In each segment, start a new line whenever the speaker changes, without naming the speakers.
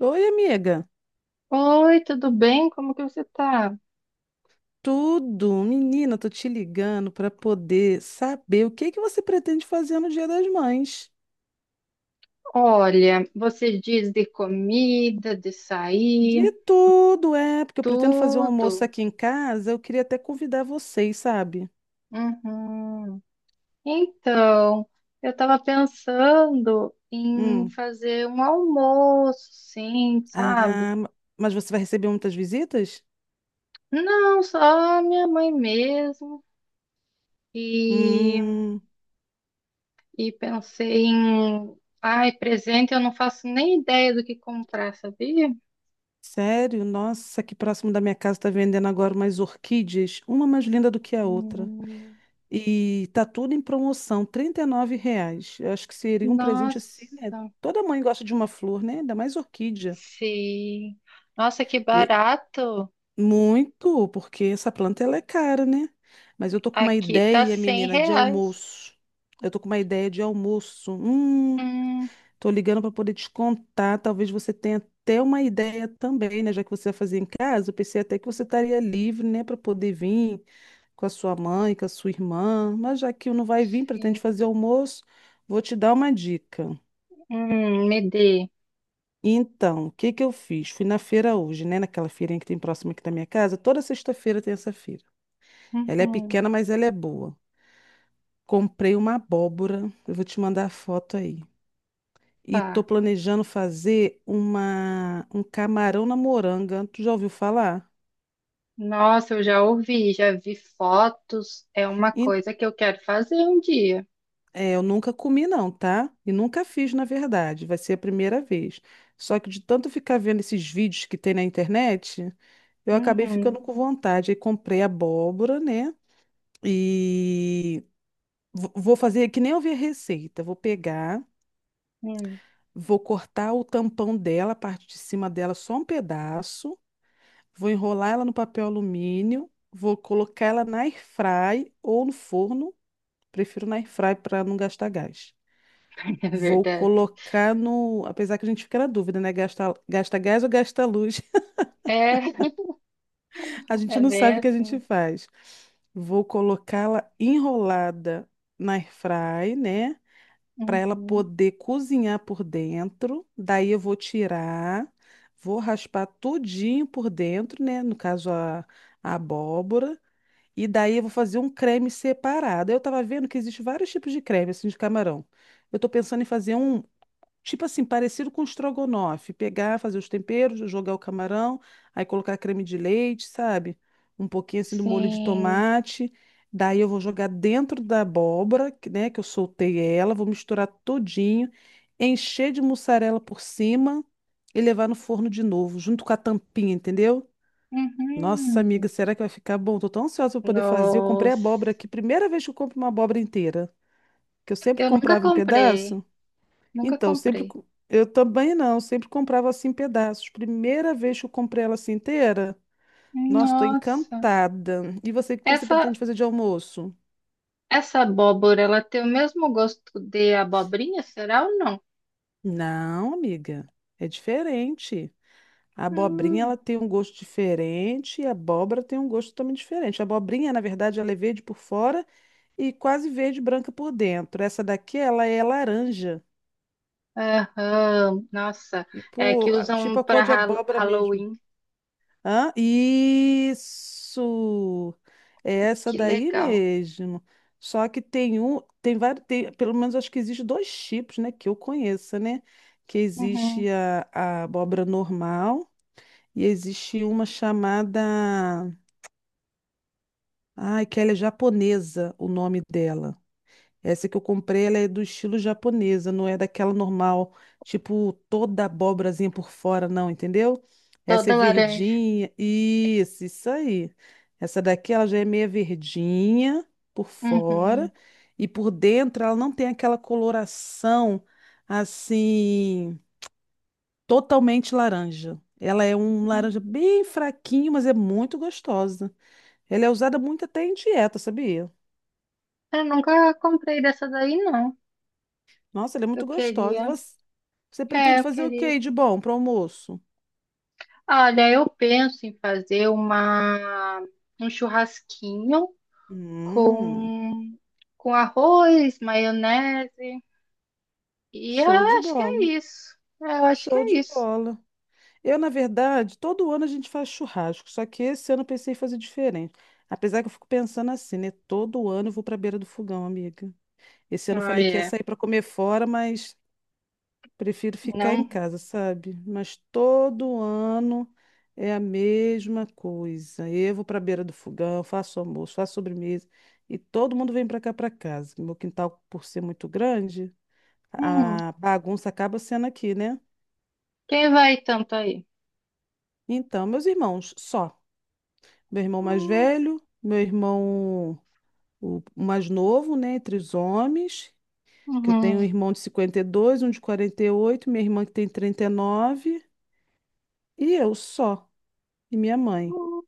Oi, amiga.
Oi, tudo bem? Como que você tá?
Tudo, menina, tô te ligando para poder saber o que que você pretende fazer no Dia das Mães.
Olha, você diz de comida, de sair,
De tudo, é, porque eu pretendo fazer um almoço
tudo.
aqui em casa, eu queria até convidar vocês, sabe?
Uhum. Então, eu estava pensando em
Hum.
fazer um almoço, sim, sabe?
Ah, mas você vai receber muitas visitas?
Não, só minha mãe mesmo. E,
Hum,
e pensei em, ai, presente, eu não faço nem ideia do que comprar, sabia?
Sério? Nossa, aqui próximo da minha casa tá vendendo agora umas orquídeas, uma mais linda do que a outra.
Hum,
E tá tudo em promoção, R$ 39. Eu acho que seria um presente assim, né?
nossa.
Toda mãe gosta de uma flor, né? Ainda mais orquídea.
Sim. Nossa, que
E
barato.
muito, porque essa planta ela é cara, né? Mas eu tô com uma
Aqui tá
ideia,
100
menina, de
reais.
almoço. Eu tô com uma ideia de almoço.
Hum,
Tô ligando para poder te contar, talvez você tenha até uma ideia também, né? Já que você vai fazer em casa, eu pensei até que você estaria livre, né, para poder vir com a sua mãe, com a sua irmã, mas já que não vai vir, pretende
sim.
fazer almoço, vou te dar uma dica.
Me dê.
Então, o que que eu fiz? Fui na feira hoje, né, naquela feirinha que tem próxima aqui da minha casa, toda sexta-feira tem essa feira. Ela é
Uhum,
pequena, mas ela é boa. Comprei uma abóbora, eu vou te mandar a foto aí. E tô
tá.
planejando fazer uma um camarão na moranga. Tu já ouviu falar?
Nossa, eu já ouvi, já vi fotos. É uma
Em-
coisa que eu quero fazer um dia.
É, eu nunca comi não, tá? E nunca fiz, na verdade. Vai ser a primeira vez. Só que de tanto ficar vendo esses vídeos que tem na internet, eu acabei
Uhum,
ficando com vontade. Aí comprei abóbora, né? E vou fazer que nem eu vi a receita. Vou pegar,
hum,
vou cortar o tampão dela, a parte de cima dela, só um pedaço. Vou enrolar ela no papel alumínio, vou colocar ela na airfry ou no forno, prefiro na airfry para não gastar gás.
é
Vou
verdade.
colocar no, apesar que a gente fica na dúvida, né? Gasta gás ou gasta luz?
É,
A gente
é
não
bem
sabe o que a gente
assim.
faz. Vou colocá-la enrolada na airfry, né? Para ela
Uhum,
poder cozinhar por dentro. Daí eu vou tirar, vou raspar tudinho por dentro, né? No caso a abóbora. E daí eu vou fazer um creme separado. Eu tava vendo que existe vários tipos de creme, assim, de camarão. Eu tô pensando em fazer um, tipo assim, parecido com estrogonofe. Pegar, fazer os temperos, jogar o camarão, aí colocar creme de leite, sabe? Um pouquinho assim do molho de
sim.
tomate. Daí eu vou jogar dentro da abóbora, que, né, que eu soltei ela, vou misturar todinho, encher de mussarela por cima e levar no forno de novo, junto com a tampinha, entendeu? Nossa, amiga,
Uhum.
será que vai ficar bom? Tô tão ansiosa pra poder fazer. Eu comprei abóbora
Nossa.
aqui, primeira vez que eu compro uma abóbora inteira, que eu sempre
Eu nunca
comprava em
comprei.
pedaço.
Nunca
Então, eu sempre
comprei.
eu também não, eu sempre comprava assim em pedaços. Primeira vez que eu comprei ela assim inteira. Nossa, tô
Nossa.
encantada. E você, o que você pretende
Essa
fazer de almoço?
Essa abóbora, ela tem o mesmo gosto de abobrinha, será ou não?
Não, amiga, é diferente. A abobrinha
Hum,
ela tem um gosto diferente e a abóbora tem um gosto totalmente diferente. A abobrinha, na verdade, ela é verde por fora e quase verde branca por dentro. Essa daqui, ela é laranja,
aham, nossa, é que
tipo,
usam
tipo a cor
para
de abóbora mesmo.
Halloween.
Hã? Isso! É essa
Que
daí
legal.
mesmo. Só que tem um, tem vários, pelo menos acho que existe dois tipos, né, que eu conheça, né? Que
Uhum,
existe a abóbora normal e existe uma chamada. Ai, que ela é japonesa, o nome dela. Essa que eu comprei, ela é do estilo japonesa, não é daquela normal, tipo toda abobrazinha por fora, não, entendeu? Essa
toda
é
laranja.
verdinha, isso aí. Essa daqui, ela já é meia verdinha por fora
Uhum.
e por dentro ela não tem aquela coloração assim totalmente laranja. Ela é um laranja bem fraquinho, mas é muito gostosa. Ela é usada muito até em dieta, sabia?
Eu nunca comprei dessa daí, não.
Nossa, ela é muito
Eu
gostosa. E
queria.
você
É,
pretende
eu
fazer o
queria.
quê de bom para almoço?
Olha, eu penso em fazer uma um churrasquinho
Hum,
com com arroz, maionese. E eu
Show de
acho que
bola.
é isso. Eu acho que
Show
é
de
isso.
bola. Eu, na verdade, todo ano a gente faz churrasco, só que esse ano eu pensei em fazer diferente. Apesar que eu fico pensando assim, né? Todo ano eu vou para a beira do fogão, amiga. Esse ano eu
Ah,
falei que ia
é.
sair para comer fora, mas prefiro ficar em
Não.
casa, sabe? Mas todo ano é a mesma coisa. Eu vou para a beira do fogão, faço almoço, faço sobremesa e todo mundo vem para cá para casa. Meu quintal, por ser muito grande,
Hum.
a bagunça acaba sendo aqui, né?
Quem vai tanto aí?
Então, meus irmãos, só. Meu irmão mais
Hum,
velho, meu irmão o mais novo, né, entre os homens, que eu tenho um
uhum,
irmão de 52, um de 48, minha irmã que tem 39 e eu só, e minha mãe.
hum,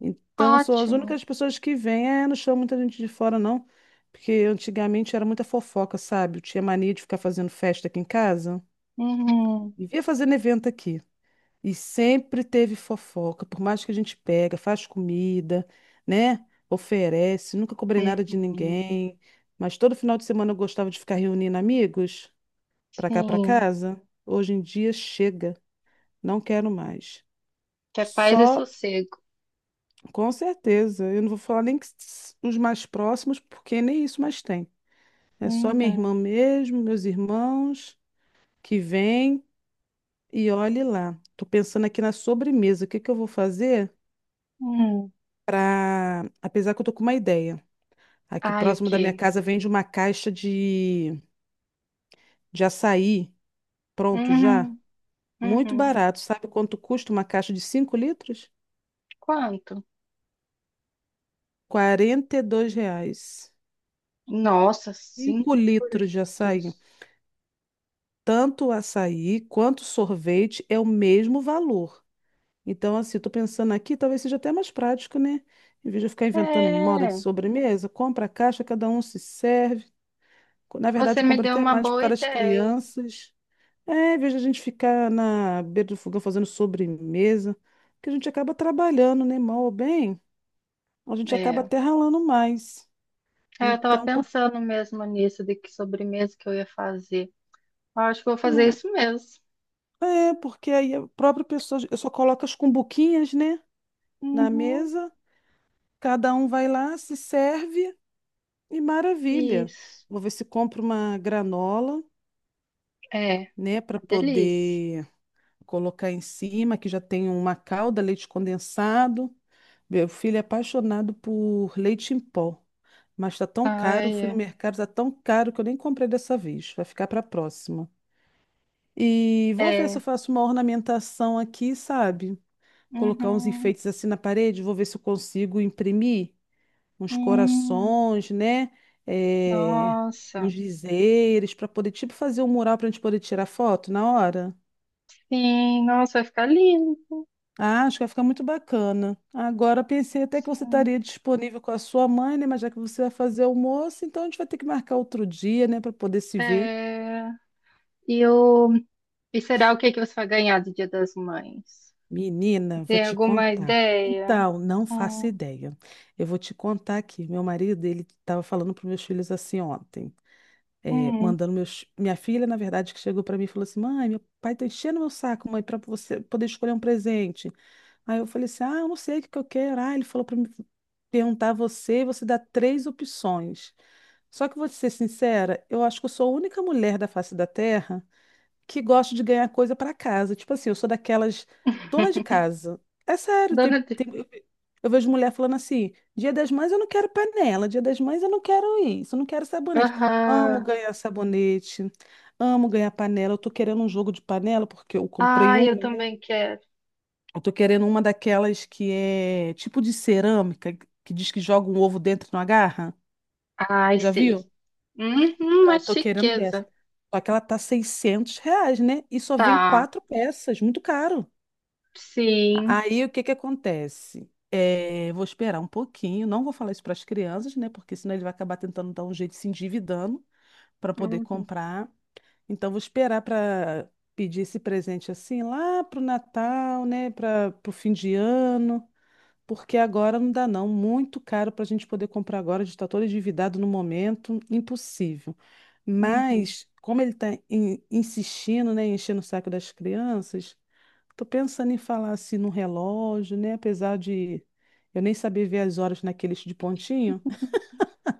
Então, são as
ótimo.
únicas pessoas que vêm. É, não chama muita gente de fora, não. Porque antigamente era muita fofoca, sabe? Eu tinha mania de ficar fazendo festa aqui em casa.
Uhum,
Vivia fazendo evento aqui. E sempre teve fofoca. Por mais que a gente pega, faz comida, né? Oferece. Nunca cobrei nada de
uhum.
ninguém. Mas todo final de semana eu gostava de ficar reunindo amigos pra cá, pra
Sim.
casa. Hoje em dia chega. Não quero mais.
Que é paz e
Só.
sossego.
Com certeza. Eu não vou falar nem que os mais próximos, porque nem isso mais tem. É só minha
Uhum.
irmã mesmo, meus irmãos que vêm e olhe lá. Tô pensando aqui na sobremesa. O que que eu vou fazer
Uhum.
para, apesar que eu tô com uma ideia. Aqui
Ai, o
próximo da minha
quê?
casa vende uma caixa de açaí pronto já,
Uhum.
muito
Uhum.
barato. Sabe quanto custa uma caixa de 5 litros?
Quanto?
R$ 42.
Nossa, cinco
5 litros de açaí.
litros.
Tanto o açaí quanto o sorvete é o mesmo valor. Então, assim, tô pensando aqui, talvez seja até mais prático, né? Em vez de eu ficar inventando moda de
É.
sobremesa, compra a caixa, cada um se serve. Na
Você
verdade, eu
me
compro
deu
até
uma
mais por
boa
causa das
ideia.
crianças. É, em vez de a gente ficar na beira do fogão fazendo sobremesa, que a gente acaba trabalhando, né? Mal ou bem, a gente acaba
É.
até ralando mais.
É, eu tava
Então,
pensando mesmo nisso, de que sobremesa que eu ia fazer. Eu acho que vou fazer
é,
isso mesmo.
é, porque aí a própria pessoa, eu só coloco as cumbuquinhas, né? Na
Uhum.
mesa. Cada um vai lá, se serve e maravilha.
Isso.
Vou ver se compro uma granola,
É,
né, para
uma delícia.
poder colocar em cima, que já tem uma calda, leite condensado. Meu filho é apaixonado por leite em pó, mas tá tão caro,
Ai,
fui no
é.
mercado, tá tão caro que eu nem comprei dessa vez. Vai ficar para a próxima. E vou ver se eu
É.
faço uma ornamentação aqui, sabe? Colocar uns
Uhum.
enfeites assim na parede, vou ver se eu consigo imprimir uns
Hum,
corações, né? É, uns
nossa.
dizeres, para poder, tipo, fazer um mural para a gente poder tirar foto na hora.
Sim, nossa, vai ficar lindo.
Ah, acho que vai ficar muito bacana. Agora pensei até que você
Sim.
estaria disponível com a sua mãe, né? Mas já que você vai fazer almoço, então a gente vai ter que marcar outro dia, né, para poder se ver.
É. E, o... E será o que que você vai ganhar do Dia das Mães?
Menina, vou
Tem
te
alguma
contar.
ideia?
Então, não faço
Hum.
ideia. Eu vou te contar aqui. Meu marido, ele estava falando para meus filhos assim ontem. É,
Hum.
mandando meus. Minha filha, na verdade, que chegou para mim e falou assim: mãe, meu pai tá enchendo meu saco, mãe, para você poder escolher um presente. Aí eu falei assim: ah, eu não sei o que que eu quero. Ah, ele falou para mim perguntar a você, e você dá três opções. Só que vou te ser sincera, eu acho que eu sou a única mulher da face da Terra que gosto de ganhar coisa para casa. Tipo assim, eu sou daquelas dona de casa. É sério,
Dona de...
eu vejo mulher falando assim: Dia das Mães eu não quero panela, Dia das Mães eu não quero isso, eu não quero sabonete. Amo
Aham.
ganhar sabonete, amo ganhar panela. Eu tô querendo um jogo de panela porque eu comprei
Ai,
uma,
eu
né?
também quero.
Eu tô querendo uma daquelas que é tipo de cerâmica, que diz que joga um ovo dentro e não agarra.
Ai,
Já
sei.
viu?
Uhum,
Então,
uma
eu tô querendo dessa.
chiqueza.
Só que ela tá R$ 600, né? E só vem
Tá.
quatro peças, muito caro.
Sim.
Aí o que que acontece? Vou esperar um pouquinho, não vou falar isso para as crianças, né? Porque senão ele vai acabar tentando dar um jeito de se endividando para poder
Uhum,
comprar. Então vou esperar para pedir esse presente assim lá pro Natal, né? Para o fim de ano. Porque agora não dá, não. Muito caro para a gente poder comprar agora. A gente está todo endividado no momento, impossível.
uhum.
Mas, como ele está insistindo, né, enchendo o saco das crianças, estou pensando em falar assim no relógio, né? Apesar de eu nem saber ver as horas naquele de pontinho.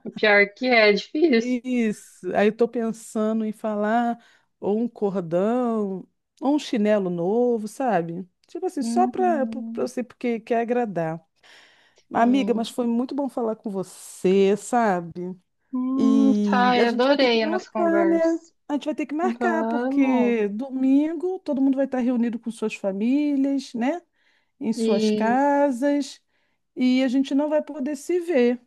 O pior que é, é difícil.
Isso. Aí eu tô pensando em falar ou um cordão, ou um chinelo novo, sabe? Tipo assim, só para
Uhum,
você, porque quer agradar. Amiga, mas
sim.
foi muito bom falar com você, sabe? E
Tá,
a
eu
gente vai ter que
adorei a nossa
marcar, né?
conversa.
A gente vai ter que marcar,
Vamos.
porque domingo todo mundo vai estar reunido com suas famílias, né? Em suas
Isso.
casas, e a gente não vai poder se ver,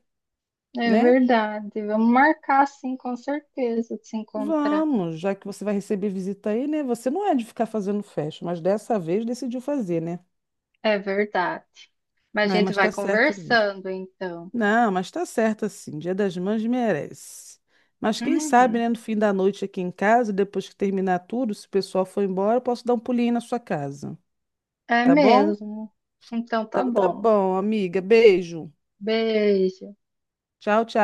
É
né?
verdade. Vamos marcar, sim, com certeza, de se encontrar.
Vamos, já que você vai receber visita aí, né? Você não é de ficar fazendo festa, mas dessa vez decidiu fazer, né?
É verdade. Mas a
Ah,
gente
mas
vai
tá certa mesmo.
conversando, então.
Não, mas tá certo assim. Dia das Mães merece. Mas quem sabe,
Uhum.
né, no fim da noite aqui em casa, depois que terminar tudo, se o pessoal for embora, eu posso dar um pulinho aí na sua casa.
É
Tá bom?
mesmo. Então tá
Então tá
bom.
bom, amiga. Beijo.
Beijo.
Tchau, tchau.